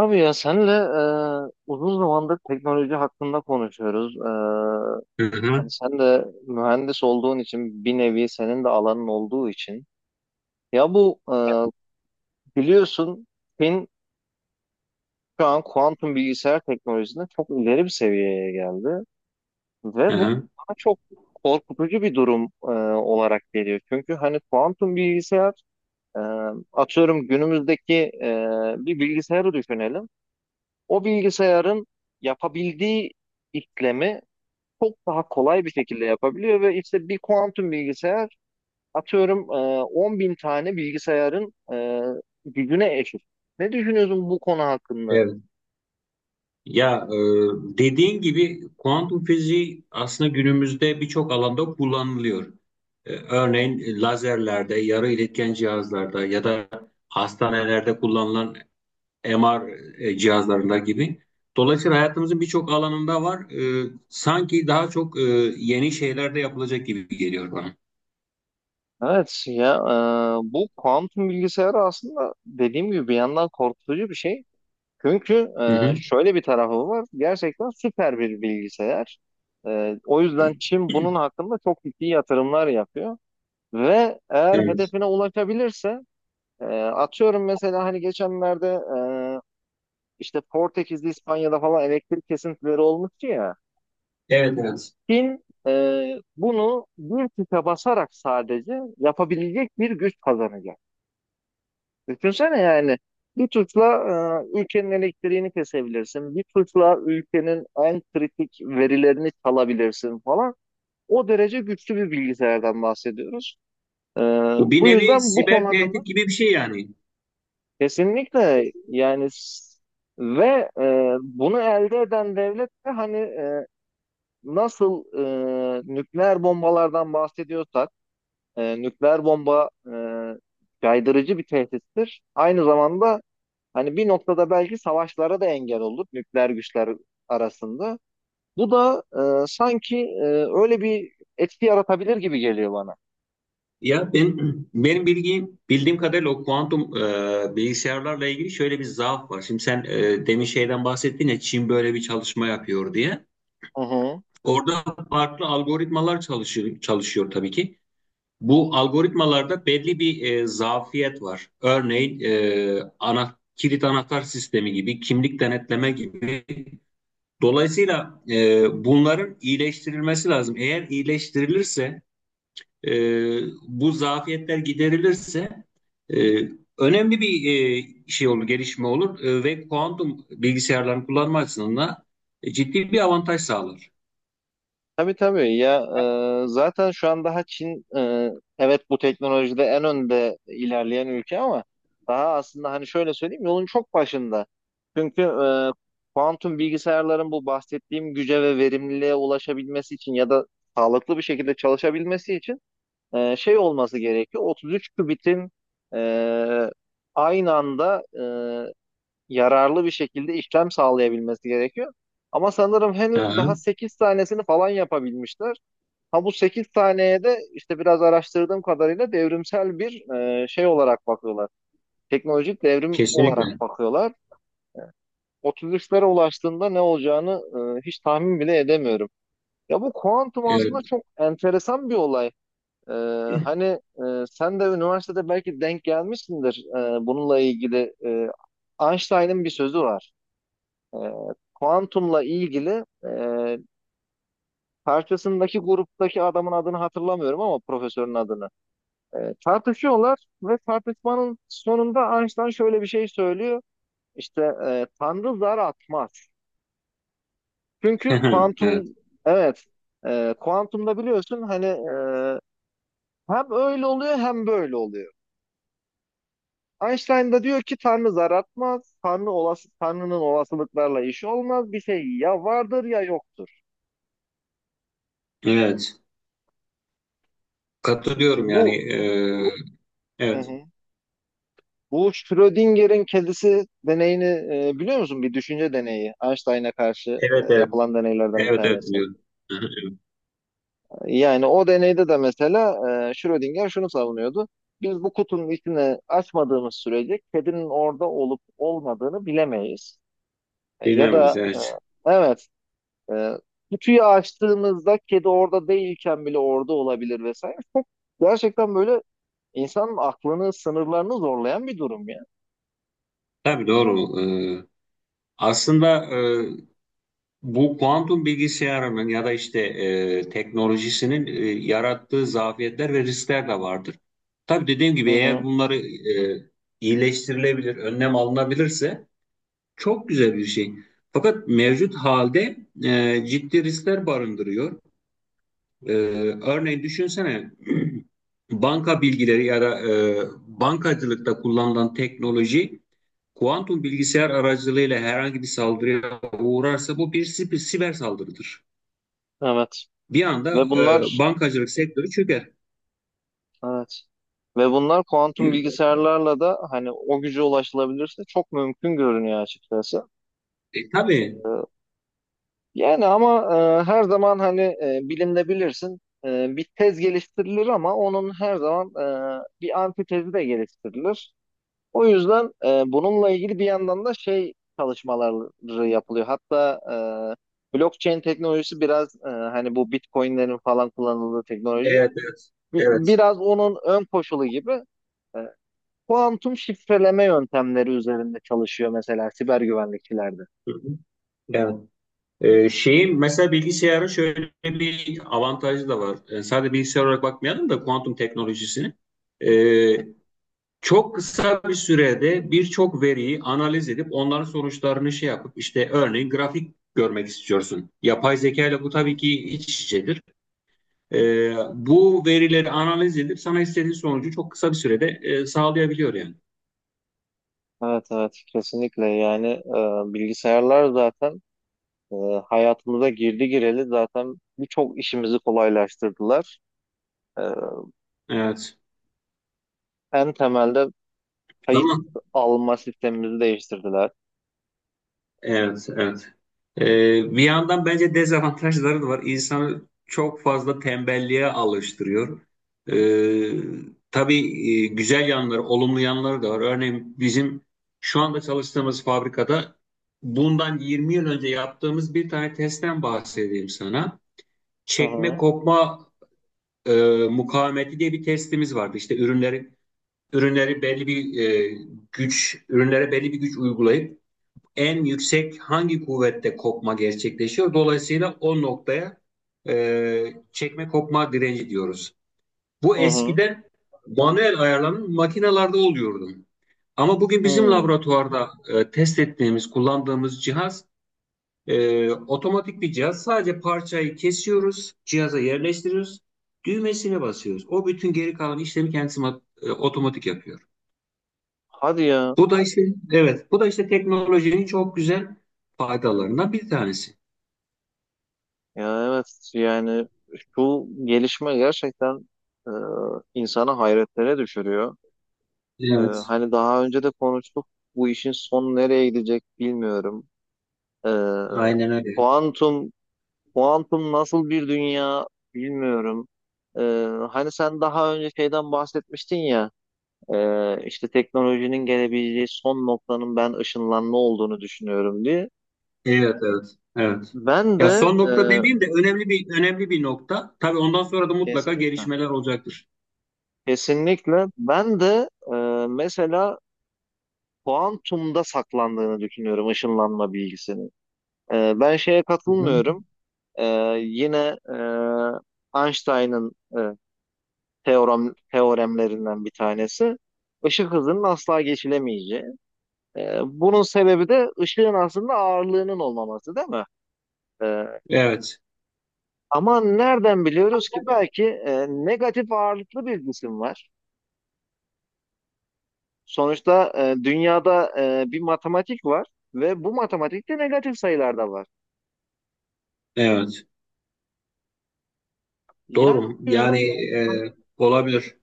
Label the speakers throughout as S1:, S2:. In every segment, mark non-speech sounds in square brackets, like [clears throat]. S1: Abi ya senle uzun zamandır teknoloji hakkında konuşuyoruz.
S2: Hı
S1: Hani
S2: hı,
S1: sen de mühendis olduğun için bir nevi senin de alanın olduğu için. Ya bu biliyorsun Çin şu an kuantum bilgisayar teknolojisinde çok ileri bir seviyeye geldi. Ve
S2: hı
S1: bu
S2: hı.
S1: bana çok korkutucu bir durum olarak geliyor. Çünkü hani kuantum bilgisayar, e, atıyorum günümüzdeki bir bilgisayarı düşünelim. O bilgisayarın yapabildiği işlemi çok daha kolay bir şekilde yapabiliyor ve işte bir kuantum bilgisayar atıyorum 10 bin tane bilgisayarın gücüne eşit. Ne düşünüyorsun bu konu hakkında?
S2: Evet. Ya dediğin gibi kuantum fiziği aslında günümüzde birçok alanda kullanılıyor. Örneğin lazerlerde, yarı iletken cihazlarda ya da hastanelerde kullanılan MR cihazlarında gibi. Dolayısıyla hayatımızın birçok alanında var. Sanki daha çok yeni şeyler de yapılacak gibi geliyor bana.
S1: Evet ya, bu kuantum bilgisayarı aslında dediğim gibi bir yandan korkutucu bir şey. Çünkü
S2: Hı hı.
S1: şöyle bir tarafı var. Gerçekten süper bir bilgisayar. O yüzden Çin bunun hakkında çok ciddi yatırımlar yapıyor. Ve eğer
S2: Evet.
S1: hedefine ulaşabilirse, atıyorum mesela hani geçenlerde, e, işte Portekiz'de, İspanya'da falan elektrik kesintileri olmuştu ya.
S2: Evet, evet.
S1: Çin bunu bir tuşa basarak sadece yapabilecek bir güç kazanacak. Düşünsene yani, bir tuşla ülkenin elektriğini kesebilirsin. Bir tuşla ülkenin en kritik verilerini çalabilirsin falan. O derece güçlü bir bilgisayardan bahsediyoruz. E,
S2: Bu bir
S1: Bu
S2: nevi
S1: yüzden bu konu
S2: siber
S1: hakkında
S2: tehdit gibi bir şey yani.
S1: kesinlikle yani. Ve bunu elde eden devlet de hani, nasıl nükleer bombalardan bahsediyorsak, nükleer bomba caydırıcı bir tehdittir. Aynı zamanda hani bir noktada belki savaşlara da engel olur nükleer güçler arasında. Bu da sanki öyle bir etki yaratabilir gibi geliyor bana.
S2: Ya benim bilgim bildiğim kadarıyla o kuantum bilgisayarlarla ilgili şöyle bir zaaf var. Şimdi sen demin şeyden bahsettin ya, Çin böyle bir çalışma yapıyor diye.
S1: Hı hı.
S2: Orada farklı algoritmalar çalışıyor, çalışıyor tabii ki. Bu algoritmalarda belli bir zafiyet var. Örneğin ana kilit anahtar sistemi gibi, kimlik denetleme gibi. Dolayısıyla bunların iyileştirilmesi lazım. Eğer iyileştirilirse e, bu zafiyetler giderilirse e, önemli bir şey olur, gelişme olur ve kuantum bilgisayarların kullanma açısından ciddi bir avantaj sağlar.
S1: Tabii tabii ya, zaten şu an daha Çin, evet bu teknolojide en önde ilerleyen ülke, ama daha aslında hani şöyle söyleyeyim, yolun çok başında. Çünkü kuantum bilgisayarların bu bahsettiğim güce ve verimliliğe ulaşabilmesi için ya da sağlıklı bir şekilde çalışabilmesi için şey olması gerekiyor. 33 kübitin e, aynı anda yararlı bir şekilde işlem sağlayabilmesi gerekiyor. Ama sanırım henüz daha
S2: Hı,
S1: 8 tanesini falan yapabilmişler. Ha, bu 8 taneye de işte biraz araştırdığım kadarıyla devrimsel bir şey olarak bakıyorlar. Teknolojik devrim olarak
S2: kesinlikle.
S1: bakıyorlar. 33'lere ulaştığında ne olacağını hiç tahmin bile edemiyorum. Ya bu kuantum aslında
S2: Evet.
S1: çok enteresan bir olay. E, Hani, sen de üniversitede belki denk gelmişsindir bununla ilgili. Einstein'ın bir sözü var. E, Kuantumla ilgili, karşısındaki gruptaki adamın adını hatırlamıyorum ama profesörün adını. Tartışıyorlar ve tartışmanın sonunda Einstein şöyle bir şey söylüyor. İşte, Tanrı zar atmaz. Çünkü
S2: [laughs]
S1: kuantum,
S2: Evet.
S1: evet, kuantumda biliyorsun hani, hem öyle oluyor hem böyle oluyor. Einstein da diyor ki Tanrı zar atmaz. Tanrı olası, Tanrı'nın olasılıklarla işi olmaz. Bir şey ya vardır ya yoktur.
S2: Evet. Katılıyorum yani.
S1: Bu Hı
S2: Evet.
S1: hı. Bu Schrödinger'in kedisi deneyini biliyor musun? Bir düşünce deneyi. Einstein'a karşı
S2: Evet, evet.
S1: yapılan deneylerden bir
S2: Evet, evet
S1: tanesi.
S2: biliyorum. [laughs] Hı, evet.
S1: Yani o deneyde de mesela, Schrödinger şunu savunuyordu. Biz bu kutunun içine açmadığımız sürece kedinin orada olup olmadığını bilemeyiz. Ya
S2: Bilemeyiz,
S1: da,
S2: evet.
S1: evet, e, kutuyu açtığımızda kedi orada değilken bile orada olabilir vesaire. Gerçekten böyle, İnsanın aklını, sınırlarını zorlayan bir durum ya.
S2: Tabii, doğru. Aslında, e, bu kuantum bilgisayarının ya da işte teknolojisinin yarattığı zafiyetler ve riskler de vardır. Tabii dediğim
S1: Hı
S2: gibi, eğer
S1: hı.
S2: bunları iyileştirilebilir, önlem alınabilirse çok güzel bir şey. Fakat mevcut halde ciddi riskler barındırıyor. E, örneğin düşünsene, [clears throat] banka bilgileri ya da bankacılıkta kullanılan teknoloji kuantum bilgisayar aracılığıyla herhangi bir saldırıya uğrarsa, bu bir siber saldırıdır,
S1: Evet.
S2: bir anda
S1: Ve bunlar
S2: bankacılık sektörü çöker.
S1: Evet. Ve bunlar kuantum bilgisayarlarla da hani o güce ulaşılabilirse çok mümkün görünüyor açıkçası.
S2: Tabii.
S1: Ee, Yani ama, her zaman hani, bilimde bilirsin, bir tez geliştirilir ama onun her zaman bir antitezi de geliştirilir. O yüzden, bununla ilgili bir yandan da şey çalışmaları yapılıyor. Hatta blockchain teknolojisi biraz, hani bu Bitcoin'lerin falan kullanıldığı teknoloji,
S2: Evet, evet. Evet.
S1: biraz onun ön koşulu gibi, e, kuantum şifreleme yöntemleri üzerinde çalışıyor mesela siber güvenlikçilerde.
S2: Hı hı. Evet. Şeyin mesela bilgisayarın şöyle bir avantajı da var. Sadece bilgisayar olarak bakmayalım da kuantum teknolojisini. E, çok kısa bir sürede birçok veriyi analiz edip onların sonuçlarını şey yapıp işte örneğin grafik görmek istiyorsun. Yapay zeka ile bu tabii ki iç içedir. E, bu verileri analiz edip sana istediğin sonucu çok kısa bir sürede sağlayabiliyor yani.
S1: Evet, evet, kesinlikle yani, bilgisayarlar zaten, e, hayatımıza girdi gireli zaten birçok işimizi kolaylaştırdılar. E,
S2: Evet.
S1: En temelde kayıt
S2: Ama
S1: alma sistemimizi değiştirdiler.
S2: evet, evet. Ee, bir yandan bence dezavantajları da var. İnsanı çok fazla tembelliğe alıştırıyor. Ee, tabii güzel yanları, olumlu yanları da var. Örneğin bizim şu anda çalıştığımız fabrikada bundan 20 yıl önce yaptığımız bir tane testten bahsedeyim sana.
S1: Hı
S2: Çekme
S1: hı.
S2: kopma e, mukavemeti diye bir testimiz vardı. İşte ürünleri belli bir güç, ürünlere belli bir güç uygulayıp en yüksek hangi kuvvette kopma gerçekleşiyor? Dolayısıyla o noktaya çekme kopma direnci diyoruz. Bu
S1: Hı hı.
S2: eskiden manuel ayarlanan makinalarda oluyordu. Ama bugün bizim
S1: Hı.
S2: laboratuvarda test ettiğimiz, kullandığımız cihaz otomatik bir cihaz. Sadece parçayı kesiyoruz, cihaza yerleştiriyoruz, düğmesine basıyoruz. O bütün geri kalan işlemi kendisi otomatik yapıyor.
S1: Hadi ya.
S2: Bu da işte Evet, bu da işte teknolojinin çok güzel faydalarından bir tanesi.
S1: Ya evet yani, şu gelişme gerçekten e, insanı hayretlere düşürüyor.
S2: Evet,
S1: Hani daha önce de konuştuk. Bu işin sonu nereye gidecek bilmiyorum. E,
S2: aynen öyle.
S1: kuantum kuantum nasıl bir dünya bilmiyorum. E, Hani sen daha önce şeyden bahsetmiştin ya. İşte teknolojinin gelebileceği son noktanın ben ışınlanma olduğunu düşünüyorum diye.
S2: Evet, evet, evet.
S1: Ben
S2: Ya
S1: de
S2: son
S1: e,
S2: nokta demeyeyim de önemli bir nokta. Tabii ondan sonra da mutlaka
S1: Kesinlikle,
S2: gelişmeler olacaktır.
S1: kesinlikle, ben de mesela kuantumda saklandığını düşünüyorum ışınlanma bilgisinin. Ben şeye
S2: Hı hı.
S1: katılmıyorum. E, Yine, e, Einstein'ın e, teoremlerinden bir tanesi. Işık hızının asla geçilemeyeceği. Bunun sebebi de ışığın aslında ağırlığının olmaması, değil mi? E,
S2: Evet,
S1: Ama nereden biliyoruz ki belki negatif ağırlıklı bir cisim var. Sonuçta, dünyada bir matematik var ve bu matematikte negatif sayılar da var.
S2: evet.
S1: Yani
S2: Doğru. Yani olabilir.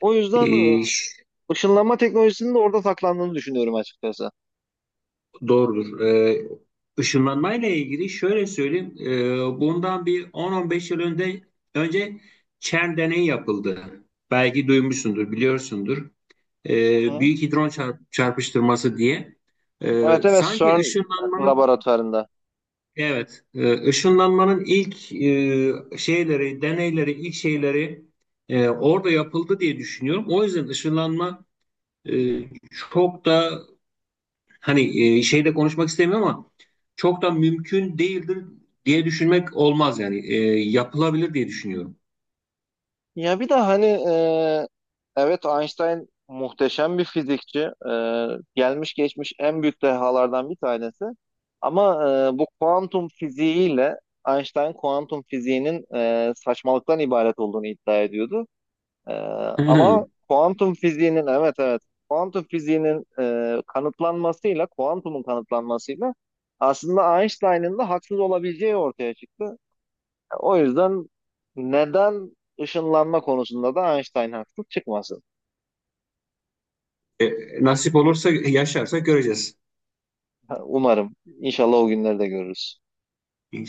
S1: o yüzden
S2: E, ş-
S1: ışınlanma teknolojisinin de orada saklandığını düşünüyorum açıkçası.
S2: Doğrudur. Işınlanmayla ilgili şöyle söyleyeyim. Bundan bir 10-15 yıl önce CERN deneyi yapıldı. Belki duymuşsundur, biliyorsundur.
S1: Hı hı.
S2: Büyük hidron çarpıştırması diye.
S1: Evet, evet,
S2: Sanki
S1: CERN
S2: ışınlanmanın,
S1: laboratuvarında.
S2: evet, ışınlanmanın ilk şeyleri, deneyleri, ilk şeyleri orada yapıldı diye düşünüyorum. O yüzden ışınlanma e, çok da, hani, şeyde konuşmak istemiyorum ama çok da mümkün değildir diye düşünmek olmaz yani. Yapılabilir diye düşünüyorum.
S1: Ya bir de hani, evet Einstein muhteşem bir fizikçi. E, Gelmiş geçmiş en büyük dehalardan bir tanesi. Ama, bu kuantum fiziğiyle Einstein kuantum fiziğinin saçmalıktan ibaret olduğunu iddia ediyordu. E, Ama
S2: [laughs]
S1: kuantum fiziğinin, evet, evet, kuantum fiziğinin kanıtlanmasıyla kuantumun kanıtlanmasıyla aslında Einstein'ın da haksız olabileceği ortaya çıktı. O yüzden neden ışınlanma konusunda da Einstein haksız çıkmasın?
S2: E, nasip olursa, yaşarsak göreceğiz.
S1: Ha, umarım. İnşallah o günleri de görürüz.